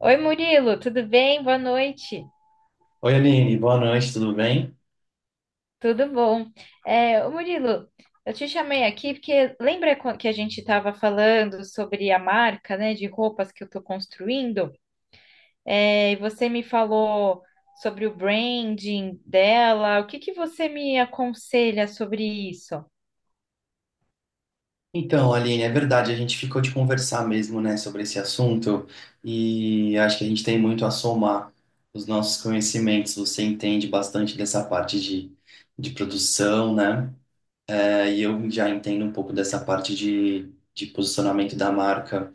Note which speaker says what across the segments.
Speaker 1: Oi, Murilo, tudo bem? Boa noite.
Speaker 2: Oi, Aline, boa noite, tudo bem?
Speaker 1: Tudo bom? Ô, Murilo, eu te chamei aqui porque que a gente estava falando sobre a marca, né, de roupas que eu estou construindo? É, e você me falou sobre o branding dela. O que que você me aconselha sobre isso?
Speaker 2: Então, Aline, é verdade, a gente ficou de conversar mesmo, né, sobre esse assunto e acho que a gente tem muito a somar os nossos conhecimentos. Você entende bastante dessa parte de produção, né? É, e eu já entendo um pouco dessa parte de posicionamento da marca.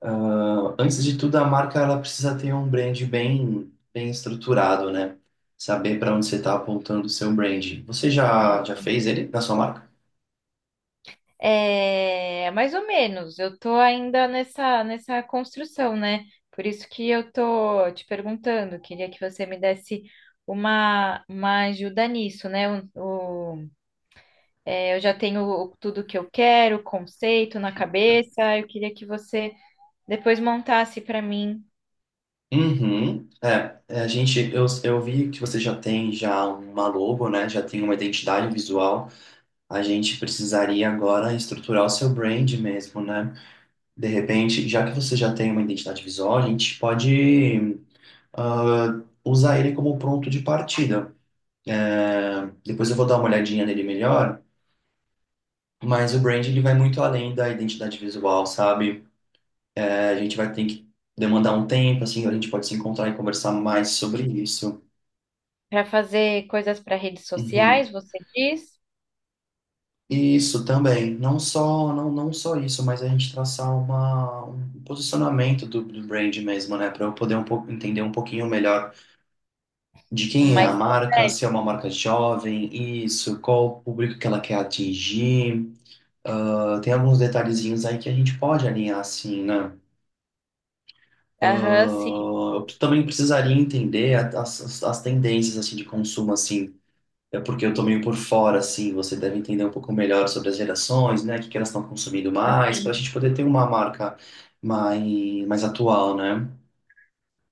Speaker 2: Ah, antes de tudo, a marca ela precisa ter um brand bem estruturado, né? Saber para onde você está apontando o seu brand. Você já fez ele na sua marca?
Speaker 1: É, mais ou menos. Eu tô ainda nessa construção, né? Por isso que eu tô te perguntando. Queria que você me desse uma ajuda nisso, né? O- eu já tenho tudo que eu quero, o conceito na cabeça. Eu queria que você depois montasse para mim
Speaker 2: Uhum. A gente, eu vi que você já tem já uma logo, né? Já tem uma identidade visual. A gente precisaria agora estruturar o seu brand mesmo, né? De repente, já que você já tem uma identidade visual, a gente pode usar ele como ponto de partida. É, depois eu vou dar uma olhadinha nele melhor, mas o brand ele vai muito além da identidade visual, sabe? É, a gente vai ter que demandar um tempo, assim, a gente pode se encontrar e conversar mais sobre isso.
Speaker 1: para fazer coisas para redes sociais,
Speaker 2: Uhum.
Speaker 1: você diz?
Speaker 2: Isso também, não só isso, mas a gente traçar uma, um posicionamento do brand mesmo, né, para eu poder um pouco entender um pouquinho melhor de quem é a
Speaker 1: Mas
Speaker 2: marca, se é uma marca jovem, isso, qual o público que ela quer atingir. Ah, tem alguns detalhezinhos aí que a gente pode alinhar assim, né? Ah,
Speaker 1: aham, sim,
Speaker 2: eu também precisaria entender as tendências assim de consumo assim. É porque eu tô meio por fora, assim, você deve entender um pouco melhor sobre as gerações, né? O que que elas estão consumindo mais, para a
Speaker 1: assim.
Speaker 2: gente poder ter uma marca mais atual, né?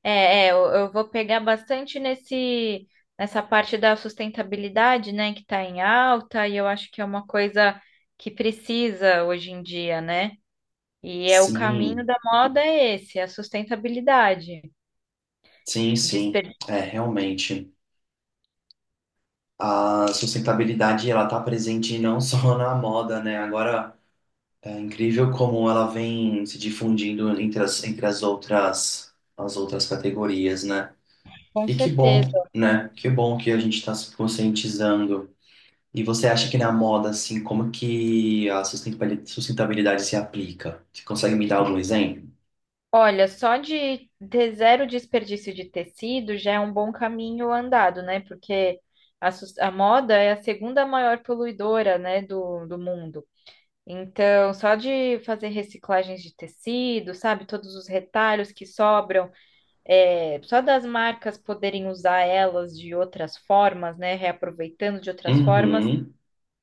Speaker 1: Eu vou pegar bastante nessa parte da sustentabilidade, né, que está em alta, e eu acho que é uma coisa que precisa hoje em dia, né? E é o caminho
Speaker 2: Sim,
Speaker 1: da moda é esse, é a sustentabilidade.
Speaker 2: sim, sim.
Speaker 1: Desper...
Speaker 2: É, realmente. A sustentabilidade, ela tá presente não só na moda, né? Agora, é incrível como ela vem se difundindo entre as as outras categorias, né?
Speaker 1: Com
Speaker 2: E que bom,
Speaker 1: certeza.
Speaker 2: né? Que bom que a gente está se conscientizando. E você acha que na moda, assim, como que a sustentabilidade se aplica? Você consegue me dar algum exemplo?
Speaker 1: Olha, só de ter zero desperdício de tecido já é um bom caminho andado, né? Porque a moda é a segunda maior poluidora, né, do mundo. Então, só de fazer reciclagens de tecido, sabe? Todos os retalhos que sobram, é, só das marcas poderem usar elas de outras formas, né? Reaproveitando de outras formas
Speaker 2: Uhum.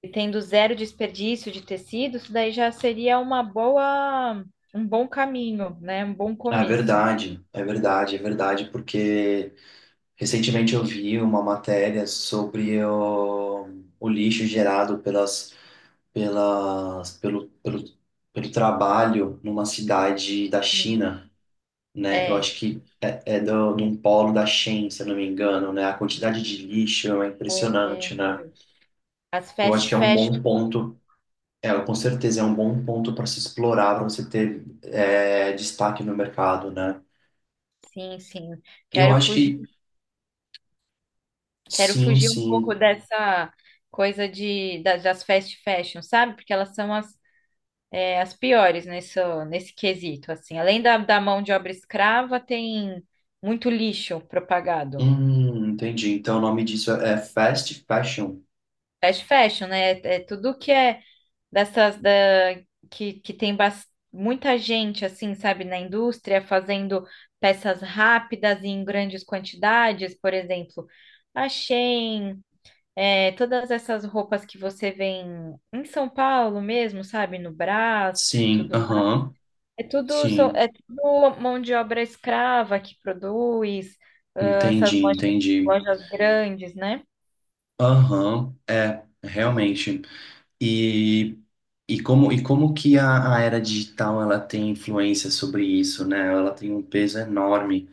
Speaker 1: e tendo zero desperdício de tecido, isso daí já seria uma boa, um bom caminho, né? Um bom
Speaker 2: É
Speaker 1: começo.
Speaker 2: verdade, é verdade, é verdade, porque recentemente eu vi uma matéria sobre o lixo gerado pelas, pelo, pelo, pelo trabalho numa cidade da
Speaker 1: Sim.
Speaker 2: China, né? Eu
Speaker 1: É.
Speaker 2: acho que é do, de um polo da Shein, se eu não me engano, né? A quantidade de lixo é impressionante,
Speaker 1: É.
Speaker 2: né?
Speaker 1: As
Speaker 2: Eu acho
Speaker 1: fast
Speaker 2: que é um
Speaker 1: fashion,
Speaker 2: bom ponto, é, com certeza é um bom ponto para se explorar, para você ter é, destaque no mercado, né?
Speaker 1: sim, sim.
Speaker 2: Eu
Speaker 1: Quero
Speaker 2: acho
Speaker 1: fugir
Speaker 2: que
Speaker 1: Quero
Speaker 2: sim,
Speaker 1: fugir um pouco
Speaker 2: sim.
Speaker 1: dessa coisa das fast fashion, sabe? Porque elas são as piores nesse quesito, assim. Além da mão de obra escrava, tem muito lixo propagado.
Speaker 2: Entendi. Então o nome disso é fast fashion.
Speaker 1: Fast fashion, né? É tudo que é dessas da, que tem muita gente, assim, sabe, na indústria fazendo peças rápidas e em grandes quantidades, por exemplo, a Shein. É, todas essas roupas que você vê em São Paulo mesmo, sabe? No Brás e
Speaker 2: Sim,
Speaker 1: tudo mais.
Speaker 2: aham,
Speaker 1: É tudo,
Speaker 2: sim.
Speaker 1: é tudo mão de obra escrava que produz, ah, essas
Speaker 2: Entendi,
Speaker 1: lojas,
Speaker 2: entendi.
Speaker 1: lojas grandes, né?
Speaker 2: Aham, é, realmente. E, e como que a era digital ela tem influência sobre isso, né? Ela tem um peso enorme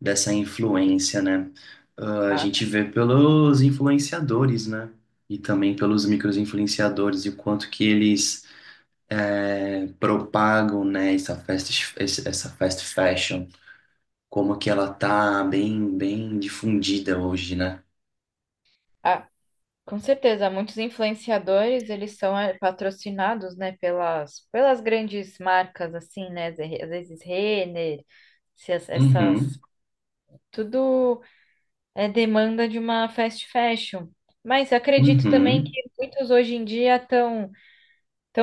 Speaker 2: dessa influência, né? Ah, a
Speaker 1: Ah,
Speaker 2: gente
Speaker 1: com
Speaker 2: vê pelos influenciadores, né? E também pelos micro-influenciadores e o quanto que eles propagam, né, essa fast fashion, como que ela tá bem difundida hoje, né?
Speaker 1: ah, com certeza, muitos influenciadores, eles são patrocinados, né, pelas grandes marcas, assim, né? Às vezes Renner, se as- essas...
Speaker 2: Uhum,
Speaker 1: Tudo é demanda de uma fast fashion. Mas acredito também que
Speaker 2: uhum.
Speaker 1: muitos hoje em dia estão tão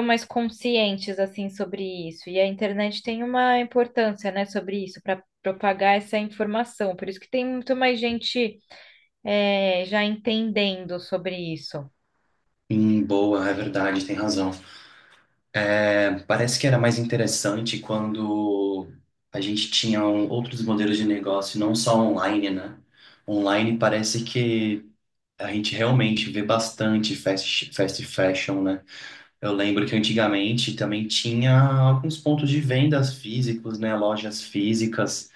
Speaker 1: mais conscientes assim sobre isso. E a internet tem uma importância, né, sobre isso, para propagar essa informação. Por isso que tem muito mais gente é, já entendendo sobre isso.
Speaker 2: Boa, é verdade, tem razão. É, parece que era mais interessante quando a gente tinha outros modelos de negócio, não só online, né? Online parece que a gente realmente vê bastante fast fashion, né? Eu lembro que antigamente também tinha alguns pontos de vendas físicos, né? Lojas físicas.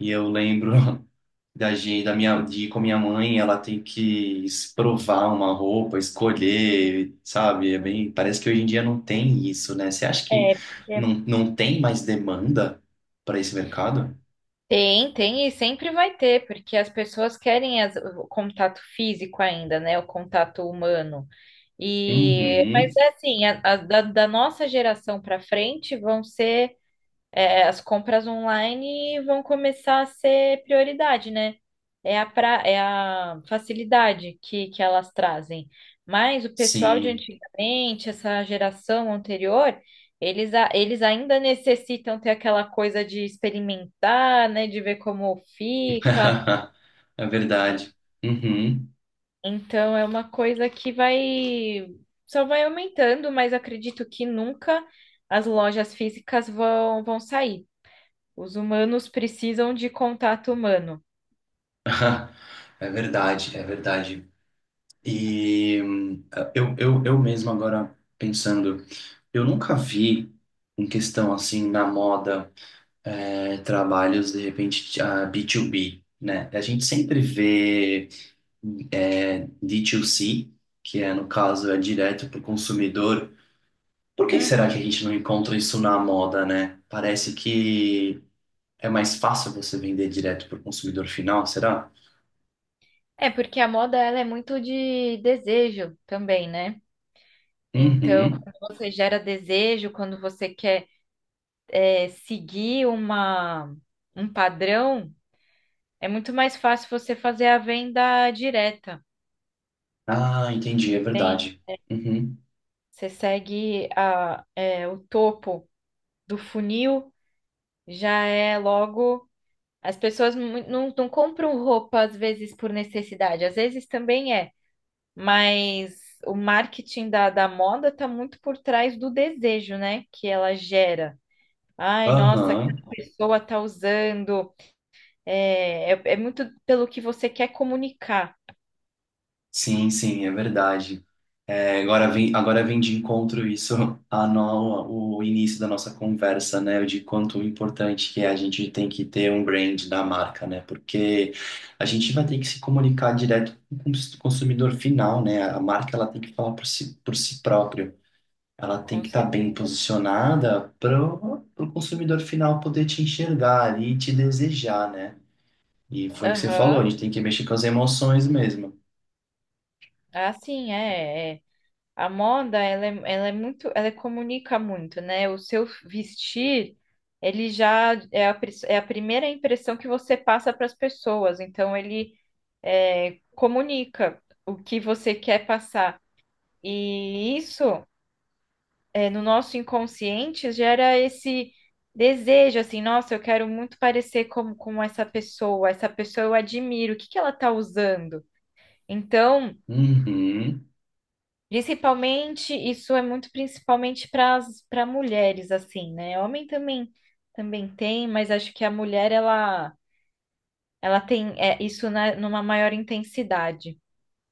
Speaker 2: E eu lembro da, gen- da minha, de ir com a minha mãe, ela tem que provar uma roupa, escolher, sabe? É bem, parece que hoje em dia não tem isso, né? Você acha que
Speaker 1: É, porque
Speaker 2: não tem mais demanda para esse mercado?
Speaker 1: Tem, tem e sempre vai ter, porque as pessoas querem o contato físico ainda, né? O contato humano. E,
Speaker 2: Uhum,
Speaker 1: mas é assim, da nossa geração para frente vão ser é, as compras online vão começar a ser prioridade, né? É é a facilidade que elas trazem. Mas o pessoal de
Speaker 2: sim.
Speaker 1: antigamente, essa geração anterior, eles ainda necessitam ter aquela coisa de experimentar, né? De ver como fica.
Speaker 2: É
Speaker 1: En-
Speaker 2: verdade. Uhum.
Speaker 1: Então é uma coisa que vai só vai aumentando, mas acredito que nunca as lojas físicas vão sair. Os humanos precisam de contato humano.
Speaker 2: É verdade, é verdade. E eu mesmo agora pensando, eu nunca vi em questão assim na moda. É, trabalhos, de repente, a B2B, né? A gente sempre vê é, D2C, que é, no caso, é direto para o consumidor. Por que será que
Speaker 1: Uhum.
Speaker 2: a gente não encontra isso na moda, né? Parece que é mais fácil você vender direto para o consumidor final, será?
Speaker 1: É porque a moda ela é muito de desejo também, né? Então,
Speaker 2: Uhum.
Speaker 1: quando você gera desejo, quando você quer seguir um padrão, é muito mais fácil você fazer a venda direta.
Speaker 2: Ah, entendi, é
Speaker 1: Tem,
Speaker 2: verdade. Uhum.
Speaker 1: você segue o topo do funil, já é logo. Não, não compram roupa às vezes por necessidade, às vezes também é. Mas o marketing da moda está muito por trás do desejo, né? Que ela gera. Ai, nossa, que
Speaker 2: Aham.
Speaker 1: pessoa está usando. É muito pelo que você quer comunicar.
Speaker 2: Sim, sim, é verdade. É, agora vem de encontro isso a no, o início da nossa conversa, né? De quanto importante que é a gente tem que ter um brand da marca, né? Porque a gente vai ter que se comunicar direto com o consumidor final, né? A marca ela tem que falar por si própria. Ela tem
Speaker 1: Com
Speaker 2: que estar bem
Speaker 1: certeza.
Speaker 2: posicionada para o consumidor final poder te enxergar ali e te desejar, né? E foi o que você falou, a
Speaker 1: Aham.
Speaker 2: gente tem que mexer com as emoções mesmo.
Speaker 1: É. A moda, ela é muito, ela comunica muito, né? O seu vestir, ele já é é a primeira impressão que você passa para as pessoas. Então, ele é, comunica o que você quer passar. E isso, é, no nosso inconsciente, gera esse desejo, assim, nossa, eu quero muito parecer como, com essa pessoa eu admiro, o que que ela está usando? Então,
Speaker 2: Uhum.
Speaker 1: principalmente, isso é muito principalmente para mulheres, assim, né? Homem também também tem, mas acho que a mulher, ela tem é, isso numa maior intensidade.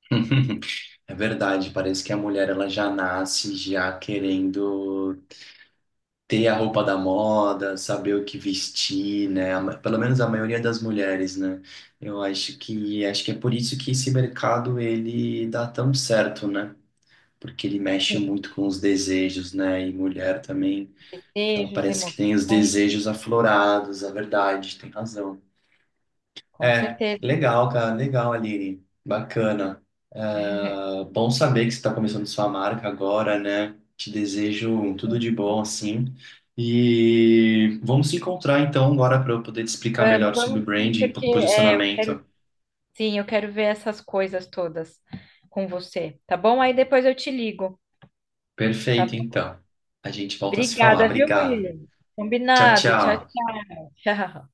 Speaker 2: É verdade, parece que a mulher ela já nasce já querendo ter a roupa da moda, saber o que vestir, né? Pelo menos a maioria das mulheres, né? Eu acho que é por isso que esse mercado ele dá tão certo, né? Porque ele mexe
Speaker 1: Sim,
Speaker 2: muito com os desejos, né? E mulher também, ela
Speaker 1: desejos,
Speaker 2: parece que tem os
Speaker 1: emoções,
Speaker 2: desejos aflorados, a verdade, tem razão.
Speaker 1: com
Speaker 2: É,
Speaker 1: certeza.
Speaker 2: legal, cara, legal, Aline. Bacana. É, bom saber que você está começando sua marca agora, né? Te desejo tudo de bom, assim. E vamos se encontrar então agora para eu poder te explicar
Speaker 1: Vamos,
Speaker 2: melhor sobre o
Speaker 1: vamos
Speaker 2: brand
Speaker 1: sim,
Speaker 2: e
Speaker 1: porque é, eu quero,
Speaker 2: posicionamento.
Speaker 1: sim, eu quero ver essas coisas todas com você, tá bom? Aí depois eu te ligo, tá?
Speaker 2: Perfeito,
Speaker 1: bom?
Speaker 2: então. A gente volta a se falar.
Speaker 1: Obrigada, viu,
Speaker 2: Obrigado.
Speaker 1: Murilo?
Speaker 2: Tchau,
Speaker 1: Combinado. Tchau,
Speaker 2: tchau.
Speaker 1: tchau.